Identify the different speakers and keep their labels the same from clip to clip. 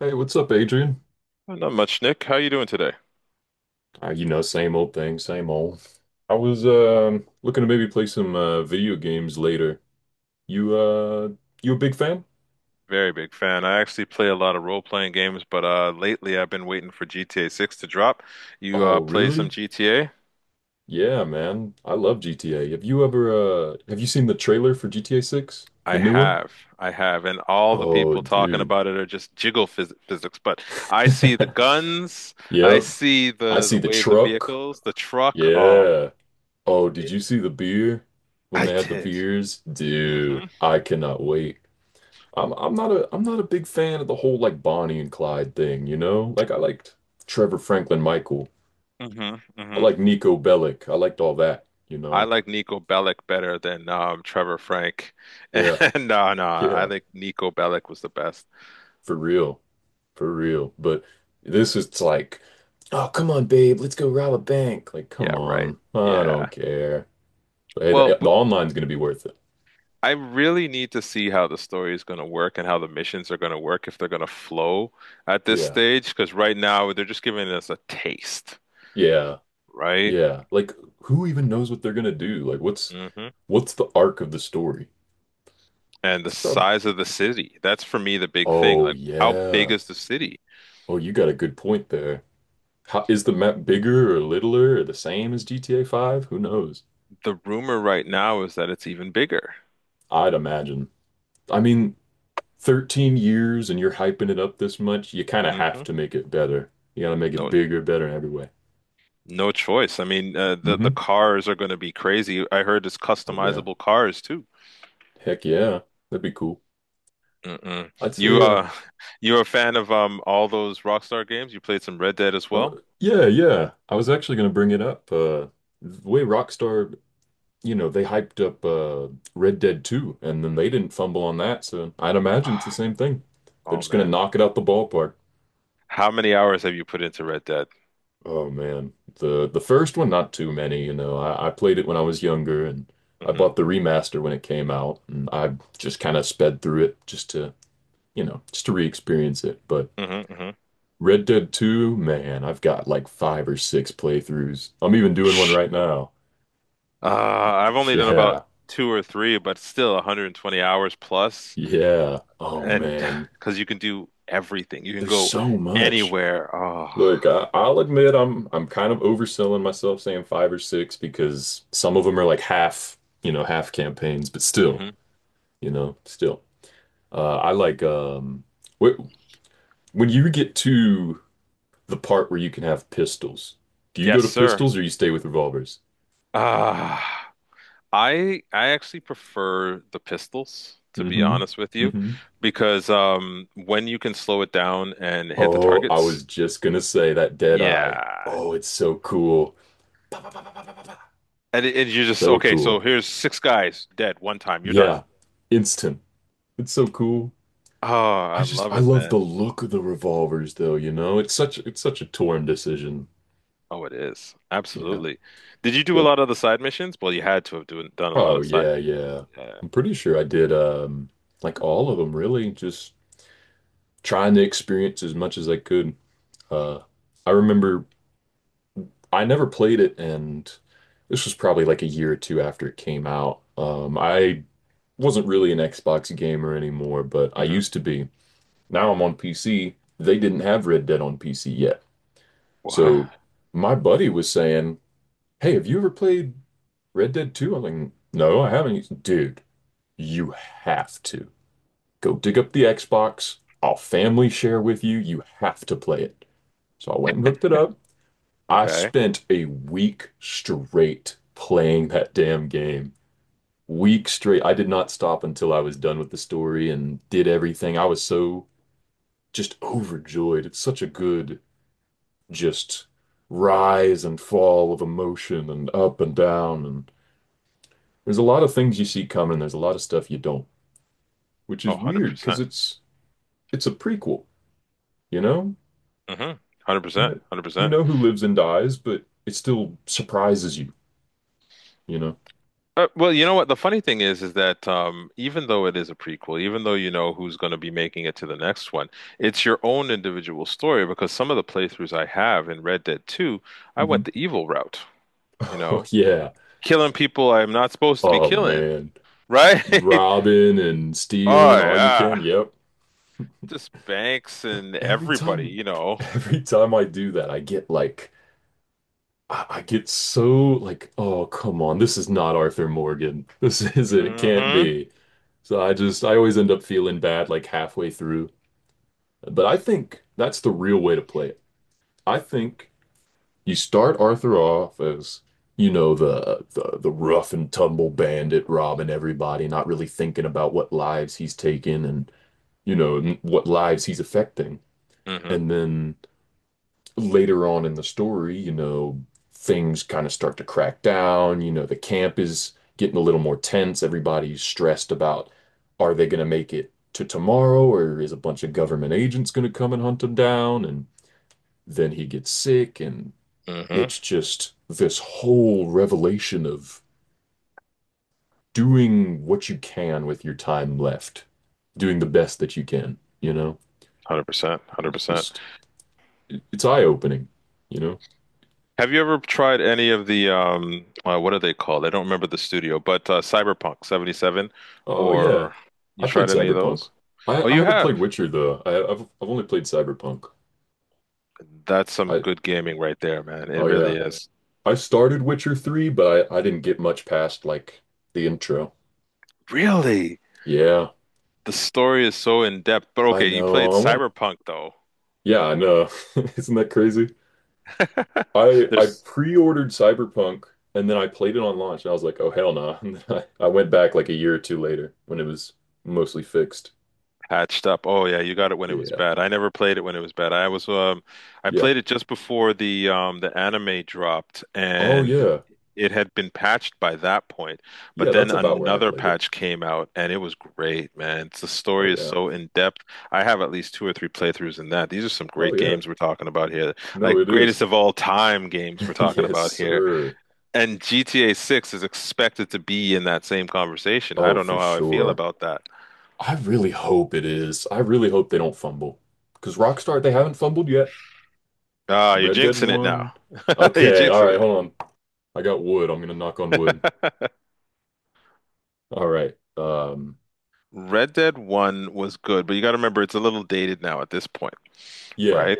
Speaker 1: Hey, what's up, Adrian?
Speaker 2: Oh, not much, Nick. How you doing today?
Speaker 1: Same old thing, same old. I was looking to maybe play some video games later. You uh you a big fan?
Speaker 2: Very big fan. I actually play a lot of role-playing games, but lately I've been waiting for GTA 6 to drop. You
Speaker 1: Oh,
Speaker 2: play some
Speaker 1: really?
Speaker 2: GTA?
Speaker 1: Yeah, man. I love GTA. Have you seen the trailer for GTA 6? The
Speaker 2: I
Speaker 1: new one?
Speaker 2: have. I have. And all the
Speaker 1: Oh,
Speaker 2: people talking
Speaker 1: dude.
Speaker 2: about it are just jiggle physics, but I see the guns, I
Speaker 1: Yep.
Speaker 2: see
Speaker 1: I
Speaker 2: the
Speaker 1: see
Speaker 2: the
Speaker 1: the
Speaker 2: way the
Speaker 1: truck.
Speaker 2: vehicles, the truck. Oh,
Speaker 1: Yeah. Oh, did
Speaker 2: it,
Speaker 1: you see the beer? When
Speaker 2: I
Speaker 1: they had the
Speaker 2: did.
Speaker 1: beers?
Speaker 2: hmm
Speaker 1: Dude, I cannot wait. I'm not a big fan of the whole like Bonnie and Clyde thing, you know? Like I liked Trevor Franklin Michael.
Speaker 2: hmm
Speaker 1: I
Speaker 2: hmm
Speaker 1: like Nico Bellic. I liked all that, you
Speaker 2: I
Speaker 1: know?
Speaker 2: like Nico Bellic better than Trevor Frank.
Speaker 1: Yeah.
Speaker 2: And no, no, I
Speaker 1: Yeah.
Speaker 2: think Nico Bellic was the best.
Speaker 1: For real. For real. But this is like, oh, come on, babe, let's go rob a bank. Like,
Speaker 2: Yeah,
Speaker 1: come
Speaker 2: right.
Speaker 1: on. I
Speaker 2: Yeah.
Speaker 1: don't care. But hey, the,
Speaker 2: Well,
Speaker 1: the online's gonna be worth it.
Speaker 2: I really need to see how the story is going to work and how the missions are going to work if they're going to flow at this
Speaker 1: Yeah.
Speaker 2: stage, because right now they're just giving us a taste,
Speaker 1: Yeah.
Speaker 2: right?
Speaker 1: Yeah. Like who even knows what they're gonna do? Like what's
Speaker 2: hmm
Speaker 1: what's the arc of the story?
Speaker 2: And the
Speaker 1: It's probably.
Speaker 2: size of the city. That's for me the big thing.
Speaker 1: Oh
Speaker 2: Like, how big
Speaker 1: yeah.
Speaker 2: is the city?
Speaker 1: Oh, you got a good point there. Is the map bigger or littler or the same as GTA 5? Who knows?
Speaker 2: The rumor right now is that it's even bigger.
Speaker 1: I'd imagine. I mean, 13 years and you're hyping it up this much, you kind of have
Speaker 2: hmm
Speaker 1: to make it better. You gotta make it
Speaker 2: No,
Speaker 1: bigger, better in every way.
Speaker 2: no choice. I mean, the
Speaker 1: Mm-hmm.
Speaker 2: the cars are going to be crazy. I heard it's
Speaker 1: Oh, yeah.
Speaker 2: customizable cars too.
Speaker 1: Heck yeah. That'd be cool.
Speaker 2: Mm-mm.
Speaker 1: I'd
Speaker 2: You
Speaker 1: say,
Speaker 2: you're a fan of all those Rockstar games? You played some Red Dead as
Speaker 1: uh,
Speaker 2: well?
Speaker 1: yeah, yeah. I was actually gonna bring it up. The way Rockstar, they hyped up Red Dead 2, and then they didn't fumble on that, so I'd imagine it's the same thing. They're
Speaker 2: Oh
Speaker 1: just gonna
Speaker 2: man.
Speaker 1: knock it out the ballpark.
Speaker 2: How many hours have you put into Red Dead?
Speaker 1: Oh man, the first one, not too many. I played it when I was younger, and I
Speaker 2: hmm
Speaker 1: bought the remaster when it came out, and I just kind of sped through it just to re-experience it. But
Speaker 2: hmm hmm
Speaker 1: Red Dead 2, man, I've got like five or six playthroughs. I'm even doing one right now.
Speaker 2: I've only done about
Speaker 1: Yeah.
Speaker 2: two or three, but still 120 hours plus.
Speaker 1: Yeah. Oh
Speaker 2: And
Speaker 1: man,
Speaker 2: because you can do everything, you can
Speaker 1: there's
Speaker 2: go
Speaker 1: so much.
Speaker 2: anywhere. Oh,
Speaker 1: Look, I'll admit I'm kind of overselling myself saying five or six because some of them are like half campaigns, but still.
Speaker 2: hmm.
Speaker 1: Still. I like wh- when you get to the part where you can have pistols. Do you go
Speaker 2: Yes,
Speaker 1: to
Speaker 2: sir.
Speaker 1: pistols or you stay with revolvers?
Speaker 2: Ah. I actually prefer the pistols, to be
Speaker 1: Hmm.
Speaker 2: honest with you,
Speaker 1: Hmm.
Speaker 2: because when you can slow it down and hit the
Speaker 1: Oh, I
Speaker 2: targets,
Speaker 1: was just gonna say that dead eye.
Speaker 2: yeah.
Speaker 1: Oh, it's so cool. Pa, pa, pa, pa, pa, pa, pa, pa.
Speaker 2: And, it, and you're just
Speaker 1: So
Speaker 2: okay, so
Speaker 1: cool.
Speaker 2: here's six guys dead one time, you're done.
Speaker 1: Yeah. Instant. It's so cool.
Speaker 2: Oh,
Speaker 1: I
Speaker 2: I
Speaker 1: just
Speaker 2: love
Speaker 1: I
Speaker 2: it,
Speaker 1: love
Speaker 2: man.
Speaker 1: the look of the revolvers though, you know? It's such a torn decision.
Speaker 2: Oh, it is.
Speaker 1: Yeah.
Speaker 2: Absolutely. Did you do a
Speaker 1: Yeah,
Speaker 2: lot of the side missions? Well, you had to have done a lot
Speaker 1: oh
Speaker 2: of side.
Speaker 1: yeah, yeah.
Speaker 2: Yeah.
Speaker 1: I'm pretty sure I did like all of them really, just trying to experience as much as I could. Uh I remember I never played it, and this was probably like a year or two after it came out. I wasn't really an Xbox gamer anymore, but I
Speaker 2: Hmm.
Speaker 1: used to be. Now I'm on PC. They didn't have Red Dead on PC yet.
Speaker 2: What?
Speaker 1: So my buddy was saying, "Hey, have you ever played Red Dead Two?" I'm like, "No, I haven't." He's, dude, you have to. Go dig up the Xbox. I'll family share with you. You have to play it. So I went and hooked it up. I
Speaker 2: Okay.
Speaker 1: spent a week straight playing that damn game. Week straight. I did not stop until I was done with the story and did everything. I was so just overjoyed. It's such a good just rise and fall of emotion and up and down, and there's a lot of things you see coming. There's a lot of stuff you don't, which
Speaker 2: Oh,
Speaker 1: is weird because
Speaker 2: 100%.
Speaker 1: it's a prequel, you know?
Speaker 2: Mm-hmm.
Speaker 1: You
Speaker 2: 100%.
Speaker 1: know, you
Speaker 2: 100%.
Speaker 1: know who lives and dies, but it still surprises you, you know?
Speaker 2: Well, you know what? The funny thing is that even though it is a prequel, even though you know who's going to be making it to the next one, it's your own individual story because some of the playthroughs I have in Red Dead 2, I
Speaker 1: Hmm.
Speaker 2: went the evil route, you
Speaker 1: Oh,
Speaker 2: know,
Speaker 1: yeah.
Speaker 2: killing people I'm not supposed to be
Speaker 1: Oh,
Speaker 2: killing,
Speaker 1: man.
Speaker 2: right?
Speaker 1: Robbing and
Speaker 2: Oh,
Speaker 1: stealing all you
Speaker 2: yeah.
Speaker 1: can. Yep.
Speaker 2: Just Banks and
Speaker 1: Every
Speaker 2: everybody,
Speaker 1: time,
Speaker 2: you know.
Speaker 1: every time I do that, I get like, I get so like, oh, come on. This is not Arthur Morgan. This isn't, it can't
Speaker 2: Mm-hmm.
Speaker 1: be. So I always end up feeling bad like halfway through. But I think that's the real way to play it. I think. You start Arthur off as, the rough and tumble bandit robbing everybody, not really thinking about what lives he's taken and what lives he's affecting.
Speaker 2: Mm-hmm.
Speaker 1: And then later on in the story, things kind of start to crack down. The camp is getting a little more tense. Everybody's stressed about, are they going to make it to tomorrow, or is a bunch of government agents going to come and hunt him down? And then he gets sick, and
Speaker 2: Mm-hmm.
Speaker 1: it's just this whole revelation of doing what you can with your time left, doing the best that you can, you know?
Speaker 2: 100%.
Speaker 1: It's
Speaker 2: 100%.
Speaker 1: just, it's eye-opening, you know?
Speaker 2: Have you ever tried any of the what are they called? I don't remember the studio, but Cyberpunk 77,
Speaker 1: Oh, yeah.
Speaker 2: or
Speaker 1: I
Speaker 2: you
Speaker 1: played
Speaker 2: tried any of
Speaker 1: Cyberpunk.
Speaker 2: those?
Speaker 1: I,
Speaker 2: Oh,
Speaker 1: I
Speaker 2: you
Speaker 1: haven't played
Speaker 2: have.
Speaker 1: Witcher, though. I've only played Cyberpunk.
Speaker 2: That's some
Speaker 1: I,
Speaker 2: good gaming right there, man. It
Speaker 1: oh,
Speaker 2: really
Speaker 1: yeah.
Speaker 2: is.
Speaker 1: I started Witcher 3, but I didn't get much past, like, the intro.
Speaker 2: Really?
Speaker 1: Yeah,
Speaker 2: The story is so in depth. But
Speaker 1: I
Speaker 2: okay, you played
Speaker 1: know. I want to,
Speaker 2: Cyberpunk though.
Speaker 1: yeah, I know. Isn't that crazy? I
Speaker 2: There's
Speaker 1: pre-ordered Cyberpunk, and then I played it on launch and I was like, oh hell nah. And then I went back like a year or two later when it was mostly fixed.
Speaker 2: patched up. Oh yeah, you got it when it was
Speaker 1: Yeah.
Speaker 2: bad. I never played it when it was bad. I was I
Speaker 1: Yeah.
Speaker 2: played it just before the anime dropped
Speaker 1: Oh
Speaker 2: and
Speaker 1: yeah.
Speaker 2: it had been patched by that point, but
Speaker 1: Yeah,
Speaker 2: then
Speaker 1: that's about where I
Speaker 2: another
Speaker 1: played it.
Speaker 2: patch came out and it was great, man. It's, the
Speaker 1: Oh
Speaker 2: story is
Speaker 1: yeah.
Speaker 2: so in depth. I have at least two or three playthroughs in that. These are some
Speaker 1: Oh
Speaker 2: great
Speaker 1: yeah.
Speaker 2: games we're talking about here.
Speaker 1: No,
Speaker 2: Like
Speaker 1: it
Speaker 2: greatest
Speaker 1: is.
Speaker 2: of all time games we're talking
Speaker 1: Yes,
Speaker 2: about here.
Speaker 1: sir.
Speaker 2: And GTA 6 is expected to be in that same conversation. I
Speaker 1: Oh,
Speaker 2: don't
Speaker 1: for
Speaker 2: know how I feel
Speaker 1: sure.
Speaker 2: about that.
Speaker 1: I really hope it is. I really hope they don't fumble. Because Rockstar, they haven't fumbled yet.
Speaker 2: Ah, you're
Speaker 1: Red Dead
Speaker 2: jinxing it now.
Speaker 1: 1.
Speaker 2: You're
Speaker 1: Okay, all
Speaker 2: jinxing
Speaker 1: right, hold on. I got wood. I'm gonna knock on wood.
Speaker 2: it.
Speaker 1: All right. Um,
Speaker 2: Red Dead 1 was good, but you got to remember it's a little dated now at this point,
Speaker 1: yeah.
Speaker 2: right?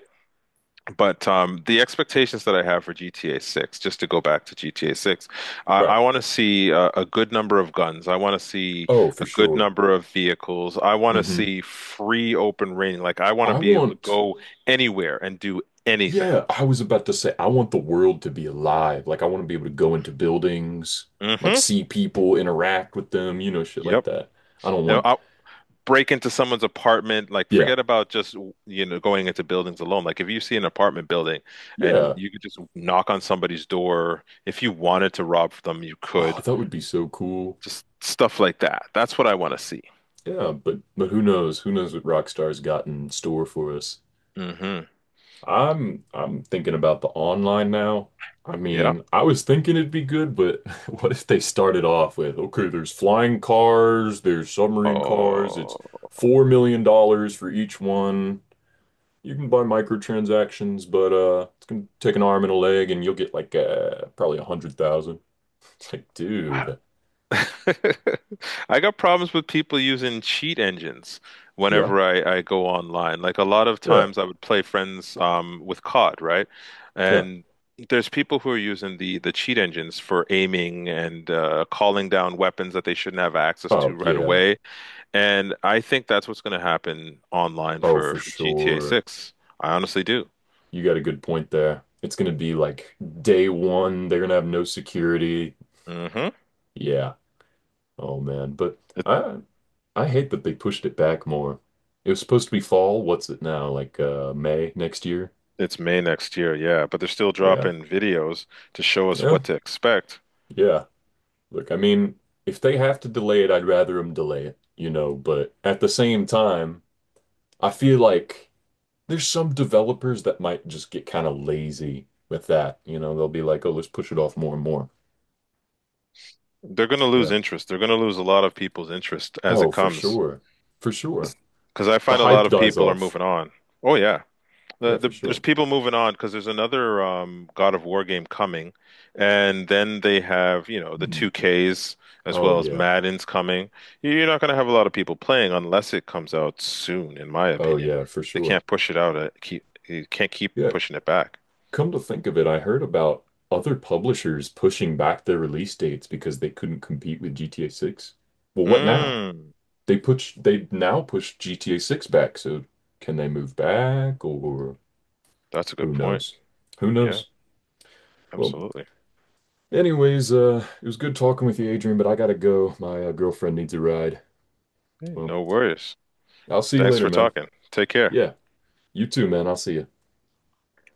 Speaker 2: But the expectations that I have for GTA 6, just to go back to GTA 6, I,
Speaker 1: Right.
Speaker 2: I want to see a good number of guns. I want to see
Speaker 1: Oh, for
Speaker 2: a good
Speaker 1: sure.
Speaker 2: number of vehicles. I want to
Speaker 1: Hmm.
Speaker 2: see free open reign. Like, I want to
Speaker 1: I
Speaker 2: be able to
Speaker 1: want,
Speaker 2: go anywhere and do anything.
Speaker 1: yeah, I was about to say, I want the world to be alive. Like, I want to be able to go into buildings, like,
Speaker 2: hmm
Speaker 1: see people, interact with them, shit like
Speaker 2: Yep.
Speaker 1: that. I don't
Speaker 2: Now,
Speaker 1: want.
Speaker 2: I'll break into someone's apartment. Like,
Speaker 1: Yeah,
Speaker 2: forget about just, you know, going into buildings alone. Like, if you see an apartment building and
Speaker 1: yeah.
Speaker 2: you could just knock on somebody's door, if you wanted to rob them, you
Speaker 1: Oh,
Speaker 2: could.
Speaker 1: that would be so cool.
Speaker 2: Just stuff like that. That's what I want to see.
Speaker 1: Yeah, but who knows? Who knows what Rockstar's got in store for us?
Speaker 2: hmm
Speaker 1: I'm thinking about the online now. I
Speaker 2: Yeah.
Speaker 1: mean, I was thinking it'd be good, but what if they started off with, okay, there's flying cars, there's submarine cars, it's
Speaker 2: Oh,
Speaker 1: $4 million for each one. You can buy microtransactions, but it's gonna take an arm and a leg and you'll get like probably 100,000. It's like, dude,
Speaker 2: I got problems with people using cheat engines
Speaker 1: yeah,
Speaker 2: whenever I go online. Like a lot of
Speaker 1: yeah,
Speaker 2: times I would play friends with COD, right?
Speaker 1: yeah.
Speaker 2: And there's people who are using the cheat engines for aiming and calling down weapons that they shouldn't have access
Speaker 1: Oh
Speaker 2: to right
Speaker 1: yeah.
Speaker 2: away. And I think that's what's going to happen online
Speaker 1: Oh,
Speaker 2: for
Speaker 1: for
Speaker 2: for GTA
Speaker 1: sure.
Speaker 2: 6. I honestly do.
Speaker 1: You got a good point there. It's gonna be like day one, they're gonna have no security.
Speaker 2: mm hmm
Speaker 1: Yeah. Oh man. But I I hate that they pushed it back more. It was supposed to be fall. What's it now? Like May next year?
Speaker 2: It's May next year, yeah, but they're still
Speaker 1: Yeah.
Speaker 2: dropping videos to show us
Speaker 1: Yeah.
Speaker 2: what to expect.
Speaker 1: Yeah. Look, I mean, if they have to delay it, I'd rather them delay it, but at the same time, I feel like there's some developers that might just get kind of lazy with that. They'll be like, "Oh, let's push it off more and more."
Speaker 2: They're going to lose
Speaker 1: Yeah.
Speaker 2: interest. They're going to lose a lot of people's interest as it
Speaker 1: Oh, for
Speaker 2: comes.
Speaker 1: sure. For sure.
Speaker 2: Because I
Speaker 1: The
Speaker 2: find a lot
Speaker 1: hype
Speaker 2: of
Speaker 1: dies
Speaker 2: people are
Speaker 1: off.
Speaker 2: moving on. Oh yeah,
Speaker 1: Yeah, for
Speaker 2: there's
Speaker 1: sure.
Speaker 2: people moving on because there's another God of War game coming, and then they have you know the
Speaker 1: Hmm.
Speaker 2: 2Ks as
Speaker 1: Oh
Speaker 2: well as
Speaker 1: yeah.
Speaker 2: Madden's coming. You're not going to have a lot of people playing unless it comes out soon, in my
Speaker 1: Oh
Speaker 2: opinion.
Speaker 1: yeah, for
Speaker 2: They
Speaker 1: sure.
Speaker 2: can't push it out. You can't keep
Speaker 1: Yeah,
Speaker 2: pushing it back.
Speaker 1: come to think of it, I heard about other publishers pushing back their release dates because they couldn't compete with GTA 6. Well, what now?
Speaker 2: Mm.
Speaker 1: They now push GTA 6 back, so can they move back, or
Speaker 2: That's a good
Speaker 1: who
Speaker 2: point.
Speaker 1: knows? Who
Speaker 2: Yeah,
Speaker 1: knows? Well,
Speaker 2: absolutely.
Speaker 1: anyways, it was good talking with you, Adrian, but I gotta go. My girlfriend needs a ride.
Speaker 2: Hey,
Speaker 1: Well,
Speaker 2: no worries.
Speaker 1: I'll see you
Speaker 2: Thanks
Speaker 1: later,
Speaker 2: for
Speaker 1: man.
Speaker 2: talking. Take care.
Speaker 1: Yeah, you too, man. I'll see you.